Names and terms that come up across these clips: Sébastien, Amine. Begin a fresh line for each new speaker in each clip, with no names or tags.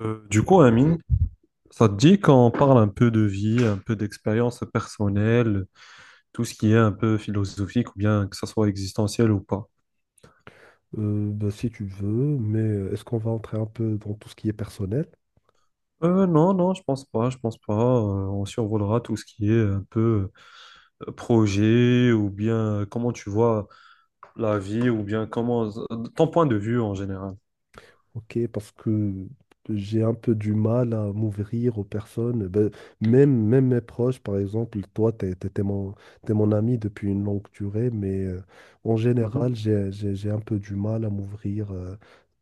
Amine, ça te dit qu'on parle un peu de vie, un peu d'expérience personnelle, tout ce qui est un peu philosophique ou bien que ça soit existentiel ou pas?
Si tu veux, mais est-ce qu'on va entrer un peu dans tout ce qui est personnel?
Non, non, je pense pas. On survolera tout ce qui est un peu projet ou bien comment tu vois la vie ou bien comment ton point de vue en général.
Ok, parce que j'ai un peu du mal à m'ouvrir aux personnes. Même mes proches, par exemple, toi, t'es mon ami depuis une longue durée, mais en
Mhm.
général, j'ai un peu du mal à m'ouvrir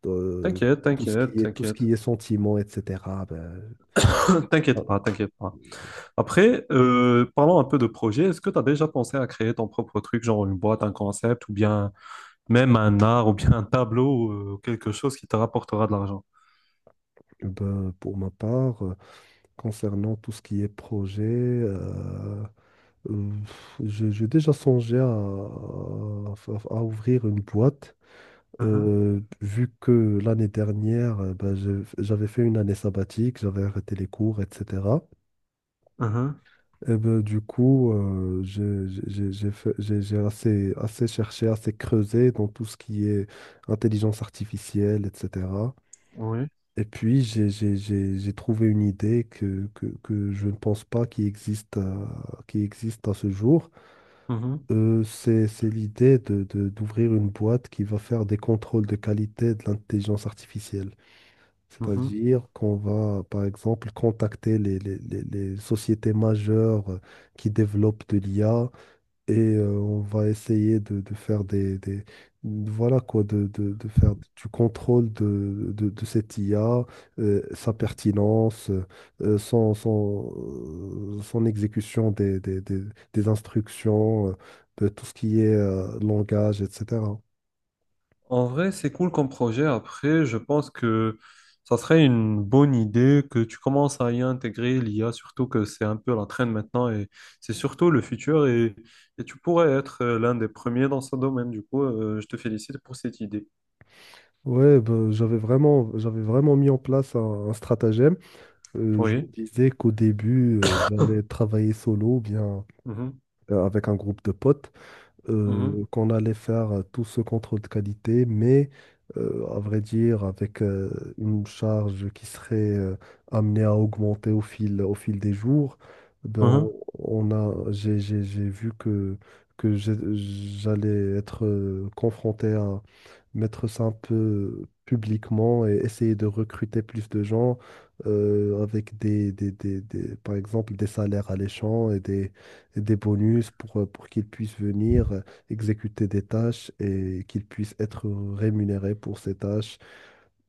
euh,
T'inquiète,
tout ce qui
t'inquiète,
est, tout ce
t'inquiète.
qui est sentiments, etc. Ben,
T'inquiète pas,
ah,
t'inquiète pas. Après, parlons un peu de projet. Est-ce que tu as déjà pensé à créer ton propre truc, genre une boîte, un concept, ou bien même un art, ou bien un tableau, quelque chose qui te rapportera de l'argent?
pour ma part, concernant tout ce qui est projet. Euh, j'ai déjà songé à ouvrir une boîte,
Mhm,
vu que l'année dernière, j'avais fait une année sabbatique, j'avais arrêté les cours, etc.
mhm,
Et ben, du coup, j'ai assez, assez cherché, assez creusé dans tout ce qui est intelligence artificielle, etc.
oui.
Et puis, j'ai trouvé une idée que je ne pense pas qui existe, qui existe à ce jour.
Mhm,
C'est l'idée d'ouvrir une boîte qui va faire des contrôles de qualité de l'intelligence artificielle. C'est-à-dire qu'on va, par exemple, contacter les sociétés majeures qui développent de l'IA et on va essayer de faire voilà quoi de faire du contrôle de cette IA, sa
mhm.
pertinence, euh, son, son, son exécution des instructions, de tout ce qui est langage, etc.
En vrai, c'est cool comme projet. Après, je pense que ça serait une bonne idée que tu commences à y intégrer l'IA, surtout que c'est un peu la traîne maintenant et c'est surtout le futur et tu pourrais être l'un des premiers dans ce domaine. Du coup, je te félicite pour cette idée.
Ouais, ben, j'avais vraiment mis en place un stratagème. Je me
Oui.
disais qu'au début, j'allais travailler solo ou bien
Mhm.
avec un groupe de potes,
Mhm.
qu'on allait faire tout ce contrôle de qualité, mais à vrai dire, avec une charge qui serait amenée à augmenter au fil des jours. Ben,
Mhm.
on a, j'ai- J'ai vu que j'allais être confronté à mettre ça un peu publiquement et essayer de recruter plus de gens avec par exemple, des salaires alléchants et des bonus pour qu'ils puissent venir exécuter des tâches et qu'ils puissent être rémunérés pour ces tâches.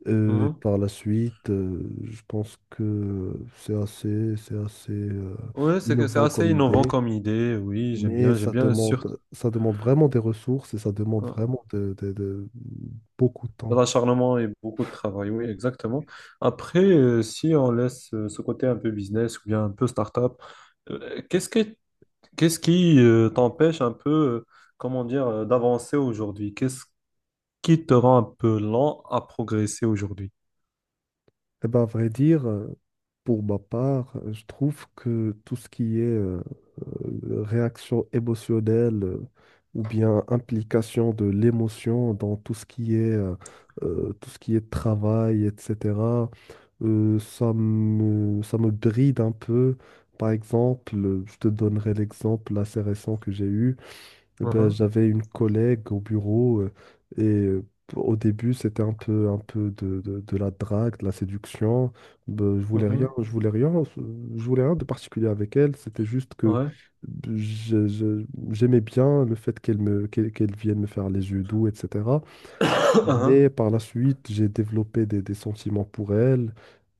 Mhm.
Par la suite, je pense que c'est assez
Ouais, c'est
innovant
assez
comme
innovant
idée.
comme idée. Oui,
Mais
j'aime bien, surtout.
ça demande vraiment des ressources et ça demande
euh,
vraiment beaucoup de
De
temps.
l'acharnement et beaucoup de travail, oui, exactement. Après, si on laisse ce côté un peu business ou bien un peu start-up, euh, qu'est-ce que, qu'est-ce qui t'empêche un peu, comment dire, d'avancer aujourd'hui? Qu'est-ce qui te rend un peu lent à progresser aujourd'hui?
Eh ben, à vrai dire, pour ma part, je trouve que tout ce qui est réaction émotionnelle ou bien implication de l'émotion dans tout ce qui est, tout ce qui est travail, etc., ça me bride un peu. Par exemple, je te donnerai l'exemple assez récent que j'ai eu. Eh ben,
Mhm,
j'avais une collègue au bureau et au début c'était un peu de la drague, de la séduction. Ben,
mhm,
je voulais rien de particulier avec elle. C'était juste que
ouais,
je- je- j'aimais bien le fait qu'elle vienne me faire les yeux doux, etc. Mais par la suite j'ai développé des sentiments pour elle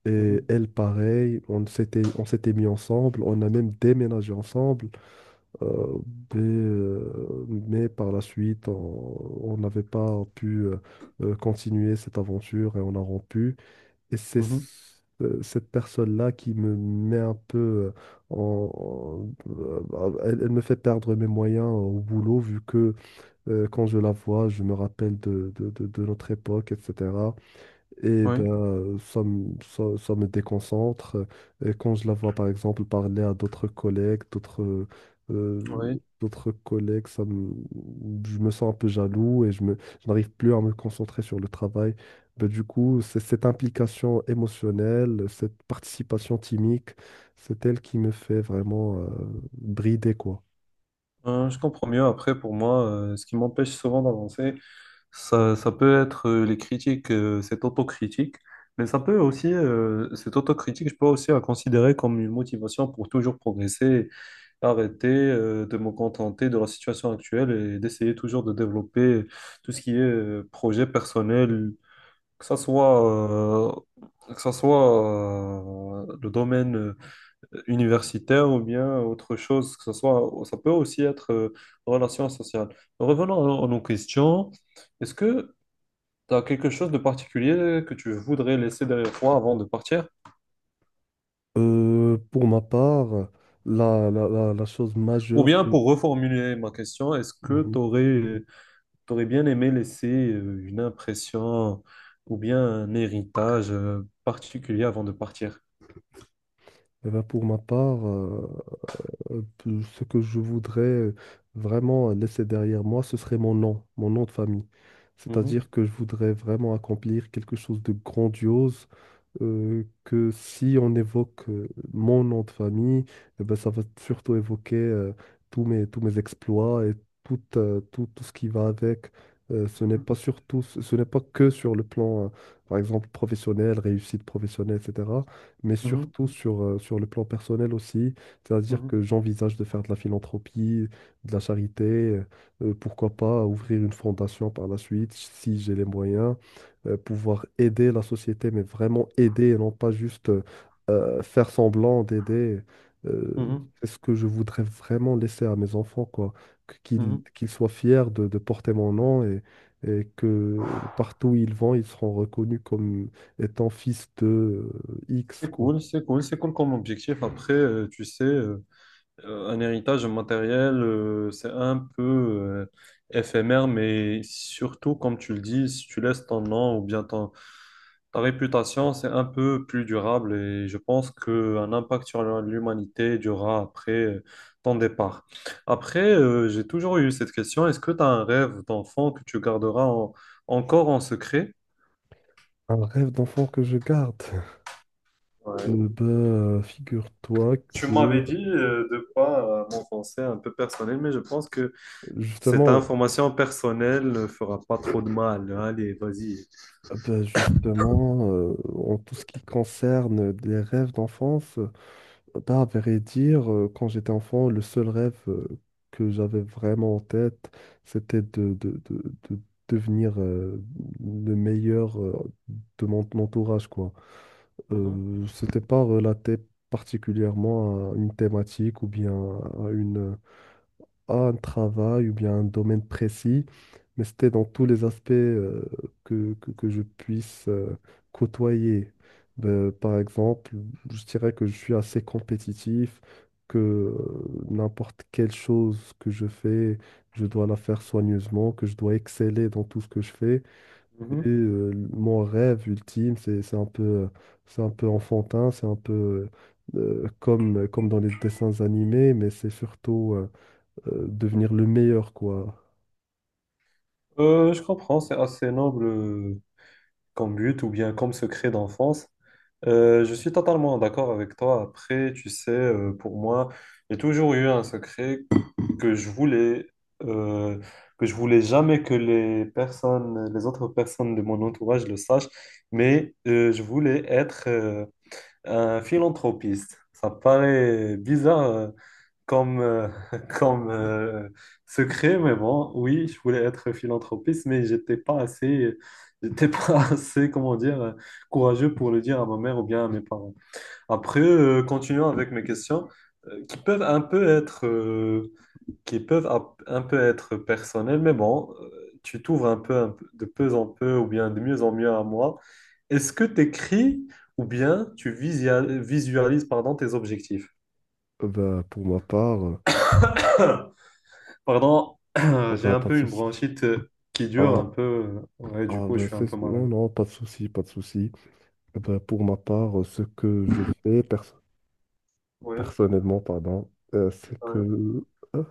et
mhm,
elle pareil. On s'était mis ensemble, on a même déménagé ensemble. Euh, mais par la suite, on n'avait pas pu continuer cette aventure et on a rompu. Et
mhm, mhm,
cette personne-là qui me met un peu elle me fait perdre mes moyens au boulot vu que quand je la vois, je me rappelle de notre époque, etc. Et ben,
oui,
ça me déconcentre. Et quand je la vois, par exemple, parler à d'autres collègues,
oui.
d'autres collègues, je me sens un peu jaloux et je n'arrive plus à me concentrer sur le travail. Ben, du coup, c'est cette implication émotionnelle, cette participation timique, c'est elle qui me fait vraiment brider, quoi.
Je comprends mieux. Après, pour moi, ce qui m'empêche souvent d'avancer, ça peut être les critiques, cette autocritique, mais ça peut aussi, cette autocritique, je peux aussi la considérer comme une motivation pour toujours progresser, arrêter de me contenter de la situation actuelle et d'essayer toujours de développer tout ce qui est projet personnel, que ça soit, euh, que ça soit le domaine universitaire ou bien autre chose, que ça soit, ça peut aussi être relation sociale. Revenons à nos questions. Est-ce que t'as quelque chose de particulier que tu voudrais laisser derrière toi avant de partir?
Pour ma part, la chose
Ou
majeure
bien
que...
pour reformuler ma question, est-ce que
Mhm.
t'aurais bien aimé laisser une impression ou bien un héritage particulier avant de partir?
Eh ben, pour ma part, ce que je voudrais vraiment laisser derrière moi, ce serait mon nom de famille.
Mhm,
C'est-à-dire que je voudrais vraiment accomplir quelque chose de grandiose que si on évoque mon nom de famille, eh ben, ça va surtout évoquer tous mes exploits et tout ce qui va avec. Ce n'est pas que sur le plan, par exemple, professionnel, réussite professionnelle, etc., mais
mhm,
surtout sur, sur le plan personnel aussi. C'est-à-dire
mhm,
que j'envisage de faire de la philanthropie, de la charité, pourquoi pas ouvrir une fondation par la suite si j'ai les moyens pouvoir aider la société, mais vraiment aider et non pas juste faire semblant d'aider. Euh,
mhm,
c'est ce que je voudrais vraiment laisser à mes enfants, quoi.
mhm, mhm.
Qu'ils soient fiers de porter mon nom et que partout où ils vont, ils seront reconnus comme étant fils de X,
C'est
quoi.
cool, c'est cool, c'est cool comme objectif. Après, tu sais. Un héritage matériel, c'est un peu éphémère, mais surtout, comme tu le dis, si tu laisses ton nom ou bien ton, ta réputation, c'est un peu plus durable et je pense qu'un impact sur l'humanité durera après ton départ. Après, j'ai toujours eu cette question, est-ce que tu as un rêve d'enfant que tu garderas encore en secret?
Un rêve d'enfant que je garde.
Ouais.
Figure-toi
Tu m'avais
que
dit de pas m'enfoncer un peu personnel, mais je pense que cette
justement,
information personnelle ne fera pas trop de mal. Allez, vas-y.
bah, justement, en tout ce qui concerne les rêves d'enfance, bah, à vrai dire, quand j'étais enfant, le seul rêve que j'avais vraiment en tête, c'était de devenir le meilleur de mon entourage, quoi.
Mhm,
C'était pas relaté particulièrement à une thématique ou bien à une, à un travail ou bien un domaine précis, mais c'était dans tous les aspects que je puisse côtoyer. Ben, par exemple, je dirais que je suis assez compétitif, que n'importe quelle chose que je fais, je dois la faire soigneusement, que je dois exceller dans tout ce que je fais.
mhm.
Et mon rêve ultime, c'est un peu enfantin, c'est un peu comme dans les dessins animés, mais c'est surtout... devenir le meilleur, quoi.
Je comprends, c'est assez noble comme but ou bien comme secret d'enfance. Je suis totalement d'accord avec toi. Après, tu sais, pour moi, j'ai toujours eu un secret que je voulais euh, jamais que les personnes, les autres personnes de mon entourage le sachent, mais je voulais être un philanthropiste. Ça paraît bizarre comme comme secret, mais bon, oui, je voulais être philanthropiste, mais j'étais pas assez. J'étais pas assez, comment dire, courageux pour le dire à ma mère ou bien à mes parents. Après, continuons avec mes questions qui peuvent un peu être un peu être personnelles, mais bon, tu t'ouvres un peu, de peu en peu ou bien de mieux en mieux à moi. Est-ce que tu écris ou bien tu visualises pardon, tes objectifs?
Pour ma part,
Pardon,
ah
j'ai
ben,
un
pas de
peu une
souci.
bronchite qui dure
Ah,
un peu. Ouais, du coup, je suis un peu
non,
malade.
non, pas de souci, pas de souci. Bah pour ma part, ce que je fais
Oui,
personnellement, pardon, c'est
oui.
que... hein,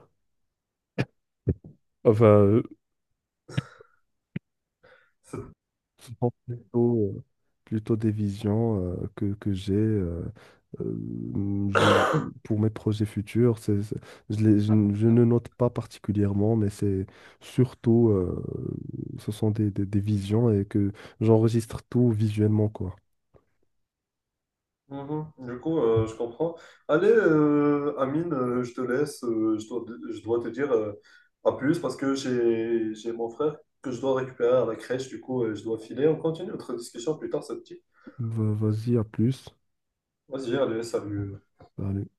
enfin plutôt, plutôt des visions que j'ai euh, je, pour mes projets futurs. Je je ne note pas particulièrement, mais c'est surtout, ce sont des visions et que j'enregistre tout visuellement, quoi.
Mhm. Du coup, je comprends. Allez, Amine, je te laisse. Je dois te dire à plus parce que j'ai mon frère que je dois récupérer à la crèche. Du coup, je dois filer. On continue notre discussion plus tard, ça te dit?
Vas-y, à plus.
Vas-y, allez, salut.
Salut.